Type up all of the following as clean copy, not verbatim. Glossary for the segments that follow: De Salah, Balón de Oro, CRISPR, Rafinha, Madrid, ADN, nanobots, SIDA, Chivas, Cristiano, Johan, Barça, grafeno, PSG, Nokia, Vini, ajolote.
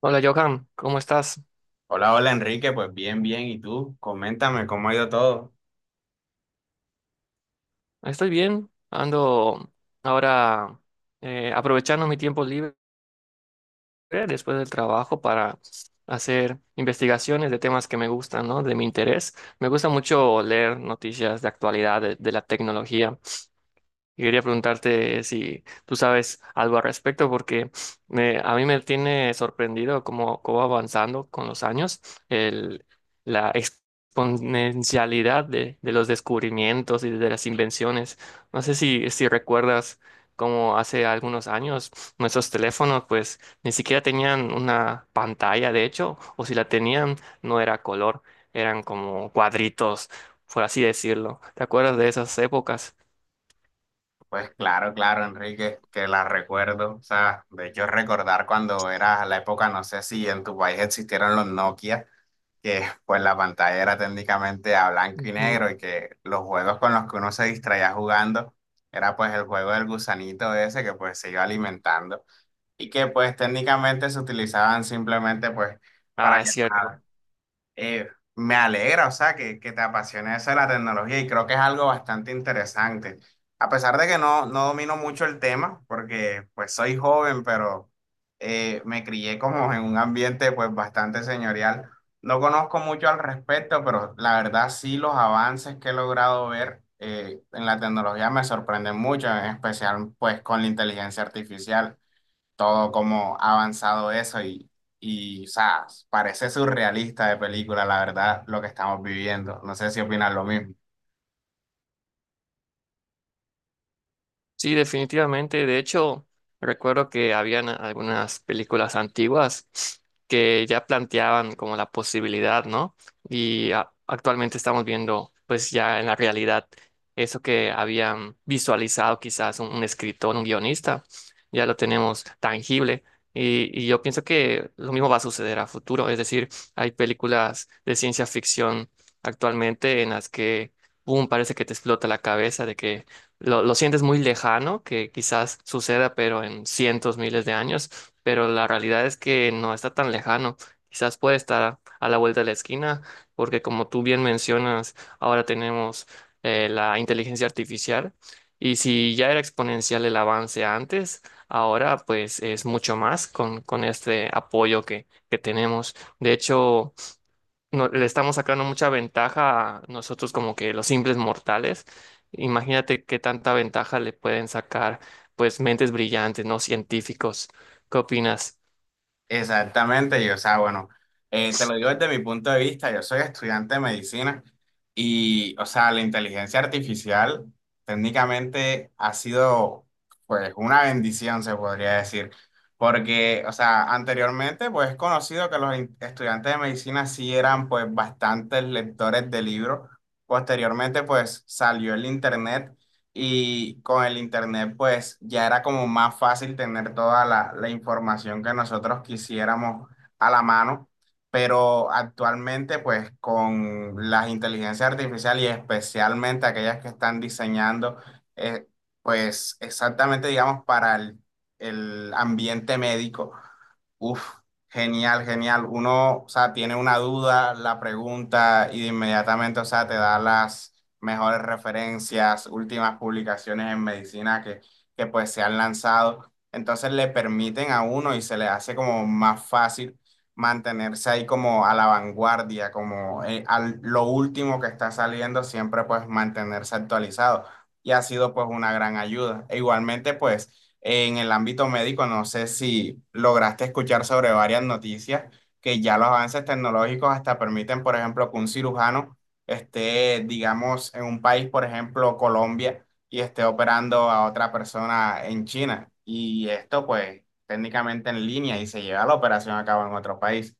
Hola, Johan, ¿cómo estás? Hola, hola Enrique, pues bien, bien. ¿Y tú? Coméntame cómo ha ido todo. Estoy bien, ando ahora aprovechando mi tiempo libre después del trabajo para hacer investigaciones de temas que me gustan, ¿no? De mi interés. Me gusta mucho leer noticias de actualidad, de la tecnología. Y quería preguntarte si tú sabes algo al respecto, porque a mí me tiene sorprendido cómo va avanzando con los años el, la exponencialidad de los descubrimientos y de las invenciones. No sé si recuerdas cómo hace algunos años nuestros teléfonos pues ni siquiera tenían una pantalla, de hecho, o si la tenían no era color, eran como cuadritos, por así decirlo. ¿Te acuerdas de esas épocas? Pues claro, claro, Enrique, que la recuerdo. O sea, de hecho recordar cuando era la época, no sé si en tu país existieron los Nokia, que pues la pantalla era técnicamente a blanco y Ujú. negro y que los juegos con los que uno se distraía jugando era pues el juego del gusanito ese que pues se iba alimentando y que pues técnicamente se utilizaban simplemente pues para Ah, es cierto. llamadas. Eh, Me alegra, o sea, que te apasione eso de la tecnología y creo que es algo bastante interesante. A pesar de que no, no domino mucho el tema, porque pues soy joven, pero me crié como en un ambiente pues bastante señorial. No conozco mucho al respecto, pero la verdad sí los avances que he logrado ver en la tecnología me sorprenden mucho, en especial pues con la inteligencia artificial todo cómo ha avanzado eso y, o sea, parece surrealista de película, la verdad, lo que estamos viviendo. No sé si opinas lo mismo. Sí, definitivamente. De hecho, recuerdo que habían algunas películas antiguas que ya planteaban como la posibilidad, ¿no? Y actualmente estamos viendo, pues ya en la realidad, eso que habían visualizado quizás un escritor, un guionista, ya lo tenemos tangible. Y yo pienso que lo mismo va a suceder a futuro. Es decir, hay películas de ciencia ficción actualmente en las que, boom, parece que te explota la cabeza de que lo sientes muy lejano, que quizás suceda, pero en cientos, miles de años, pero la realidad es que no está tan lejano. Quizás puede estar a la vuelta de la esquina, porque como tú bien mencionas, ahora tenemos la inteligencia artificial, y si ya era exponencial el avance antes, ahora pues es mucho más con este apoyo que tenemos. De hecho le estamos sacando mucha ventaja a nosotros como que los simples mortales. Imagínate qué tanta ventaja le pueden sacar pues mentes brillantes, no científicos. ¿Qué opinas? Exactamente, y o sea, bueno, te lo digo desde mi punto de vista, yo soy estudiante de medicina y, o sea, la inteligencia artificial técnicamente ha sido, pues, una bendición, se podría decir, porque, o sea, anteriormente, pues, es conocido que estudiantes de medicina sí eran, pues, bastantes lectores de libros. Posteriormente, pues, salió el Internet y con el internet pues ya era como más fácil tener toda la información que nosotros quisiéramos a la mano, pero actualmente pues con las inteligencias artificiales y especialmente aquellas que están diseñando eh, pues exactamente digamos para el ambiente médico, uf, genial, genial. Uno, o sea, tiene una duda, la pregunta y de inmediatamente, o sea, te da las mejores referencias, últimas publicaciones en medicina que pues se han lanzado. Entonces le permiten a uno y se le hace como más fácil mantenerse ahí como a la vanguardia, como lo último que está saliendo, siempre pues mantenerse actualizado. Y ha sido pues una gran ayuda. E igualmente pues… En el ámbito médico, no sé si lograste escuchar sobre varias noticias que ya los avances tecnológicos hasta permiten, por ejemplo, que un cirujano esté, digamos, en un país, por ejemplo, Colombia, y esté operando a otra persona en China. Y esto, pues, técnicamente en línea y se lleva la operación a cabo en otro país.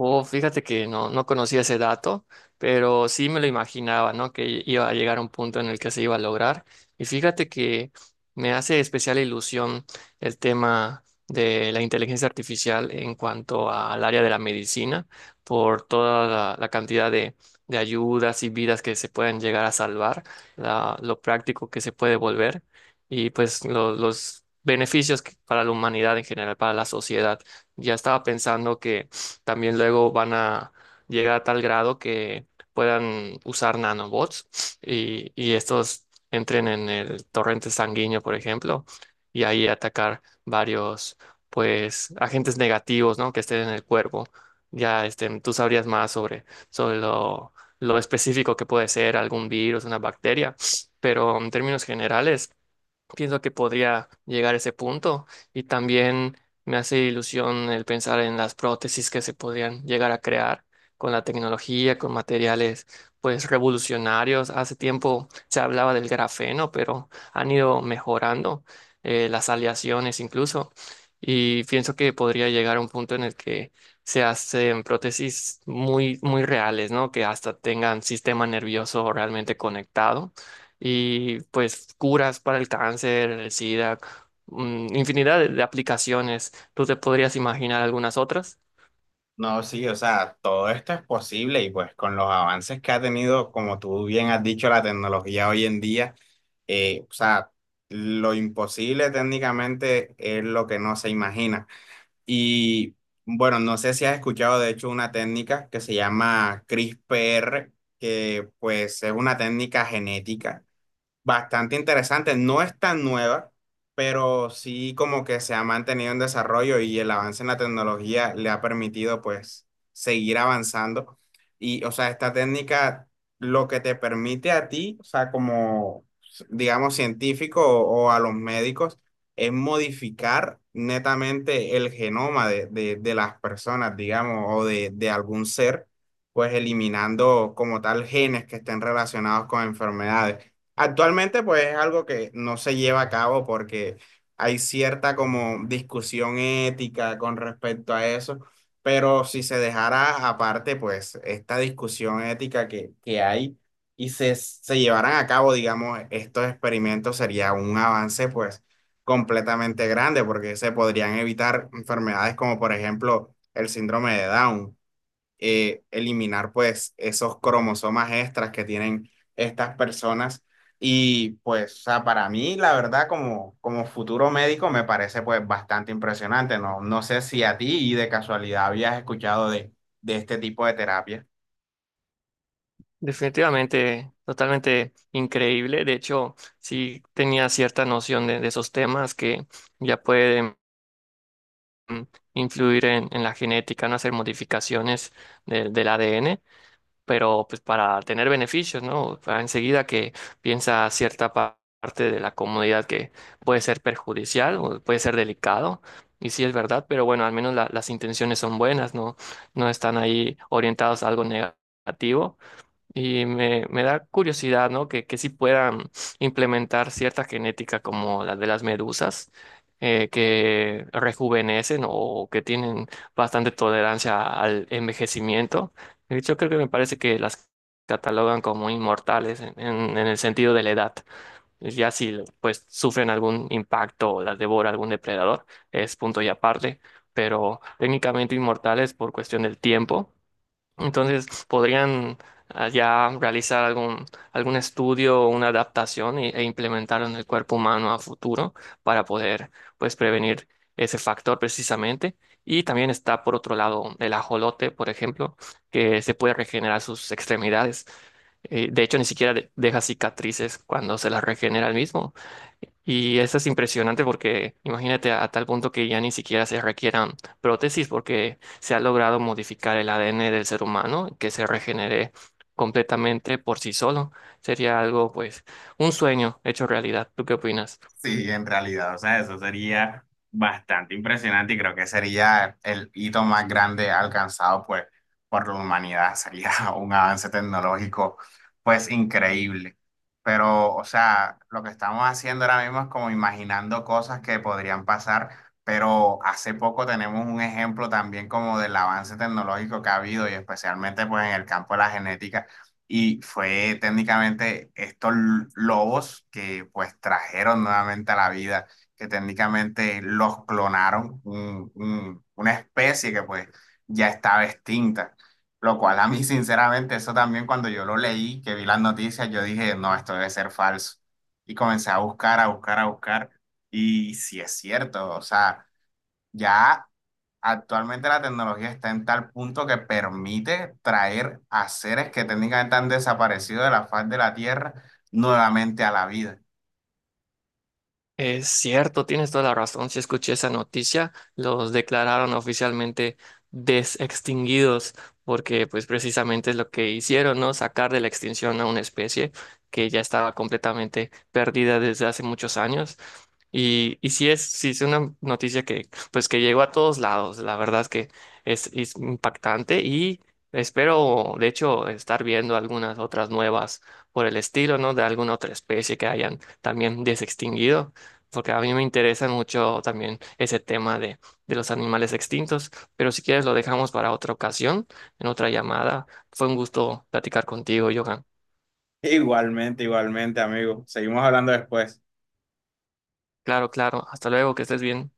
Oh, fíjate que no, no conocía ese dato, pero sí me lo imaginaba, ¿no? Que iba a llegar a un punto en el que se iba a lograr. Y fíjate que me hace especial ilusión el tema de la inteligencia artificial en cuanto al área de la medicina, por toda la cantidad de ayudas y vidas que se pueden llegar a salvar, lo práctico que se puede volver y pues los beneficios para la humanidad en general, para la sociedad. Ya estaba pensando que pues, también luego van a llegar a tal grado que puedan usar nanobots y estos entren en el torrente sanguíneo, por ejemplo, y ahí atacar varios, pues, agentes negativos, ¿no? Que estén en el cuerpo. Ya, este, tú sabrías más sobre lo específico que puede ser algún virus, una bacteria, pero en términos generales pienso que podría llegar a ese punto y también me hace ilusión el pensar en las prótesis que se podrían llegar a crear con la tecnología, con materiales pues revolucionarios. Hace tiempo se hablaba del grafeno, pero han ido mejorando las aleaciones incluso y pienso que podría llegar a un punto en el que se hacen prótesis muy muy reales, ¿no? Que hasta tengan sistema nervioso realmente conectado y pues curas para el cáncer, el SIDA, infinidad de aplicaciones. ¿Tú te podrías imaginar algunas otras? No, sí, o sea, todo esto es posible y pues con los avances que ha tenido, como tú bien has dicho, la tecnología hoy en día, o sea, lo imposible técnicamente es lo que no se imagina. Y bueno, no sé si has escuchado de hecho una técnica que se llama CRISPR, que pues es una técnica genética bastante interesante. No es tan nueva, pero sí como que se ha mantenido en desarrollo y el avance en la tecnología le ha permitido pues seguir avanzando. Y o sea, esta técnica lo que te permite a ti, o sea, como digamos científico o a los médicos, es modificar netamente el genoma de las personas, digamos, o de algún ser, pues eliminando como tal genes que estén relacionados con enfermedades. Actualmente, pues es algo que no se lleva a cabo porque hay cierta como discusión ética con respecto a eso, pero si se dejara aparte, pues esta discusión ética que hay y se llevaran a cabo, digamos, estos experimentos sería un avance pues completamente grande porque se podrían evitar enfermedades como por ejemplo el síndrome de Down eliminar pues esos cromosomas extras que tienen estas personas. Y pues, o sea, para mí, la verdad, como, como futuro médico, me parece pues bastante impresionante. No, no sé si a ti de casualidad habías escuchado de este tipo de terapia. Definitivamente, totalmente increíble. De hecho, sí tenía cierta noción de esos temas que ya pueden mm, influir en la genética, no hacer modificaciones del ADN. Pero pues para tener beneficios, ¿no? Para enseguida que piensa cierta parte de la comunidad que puede ser perjudicial o puede ser delicado, y sí es verdad, pero bueno, al menos las intenciones son buenas, ¿no? No están ahí orientados a algo negativo. Y me da curiosidad, ¿no? Que sí puedan implementar cierta genética como la de las medusas, que rejuvenecen o que tienen bastante tolerancia al envejecimiento. De hecho, creo que me parece que las catalogan como inmortales en el sentido de la edad. Ya si pues sufren algún impacto o las devora algún depredador, es punto y aparte, pero técnicamente inmortales por cuestión del tiempo. Entonces, podrían ya realizar algún estudio o una adaptación e implementarlo en el cuerpo humano a futuro para poder, pues, prevenir ese factor precisamente. Y también está, por otro lado, el ajolote, por ejemplo, que se puede regenerar sus extremidades. De hecho, ni siquiera deja cicatrices cuando se las regenera el mismo. Y eso es impresionante porque imagínate a, tal punto que ya ni siquiera se requieran prótesis porque se ha logrado modificar el ADN del ser humano, que se regenere completamente por sí solo. Sería algo, pues, un sueño hecho realidad. ¿Tú qué opinas? Sí, en realidad, o sea, eso sería bastante impresionante y creo que sería el hito más grande alcanzado pues por la humanidad, sería un avance tecnológico pues increíble. Pero, o sea, lo que estamos haciendo ahora mismo es como imaginando cosas que podrían pasar, pero hace poco tenemos un ejemplo también como del avance tecnológico que ha habido y especialmente pues en el campo de la genética y fue técnicamente estos lobos que pues trajeron nuevamente a la vida, que técnicamente los clonaron, una especie que pues ya estaba extinta. Lo cual a mí sinceramente eso también cuando yo lo leí, que vi las noticias, yo dije, no, esto debe ser falso. Y comencé a buscar, a buscar, a buscar. Y sí es cierto, o sea, ya actualmente la tecnología está en tal punto que permite traer a seres que técnicamente han desaparecido de la faz de la Tierra nuevamente a la vida. Es cierto, tienes toda la razón. Si escuché esa noticia, los declararon oficialmente desextinguidos, porque pues precisamente es lo que hicieron, ¿no? Sacar de la extinción a una especie que ya estaba completamente perdida desde hace muchos años. Y sí sí es una noticia que pues que llegó a todos lados. La verdad es que es impactante y espero, de hecho, estar viendo algunas otras nuevas por el estilo, ¿no? De alguna otra especie que hayan también desextinguido porque a mí me interesa mucho también ese tema de los animales extintos, pero si quieres lo dejamos para otra ocasión, en otra llamada. Fue un gusto platicar contigo, Johan. Igualmente, igualmente, amigo. Seguimos hablando después. Claro, claro. Hasta luego, que estés bien.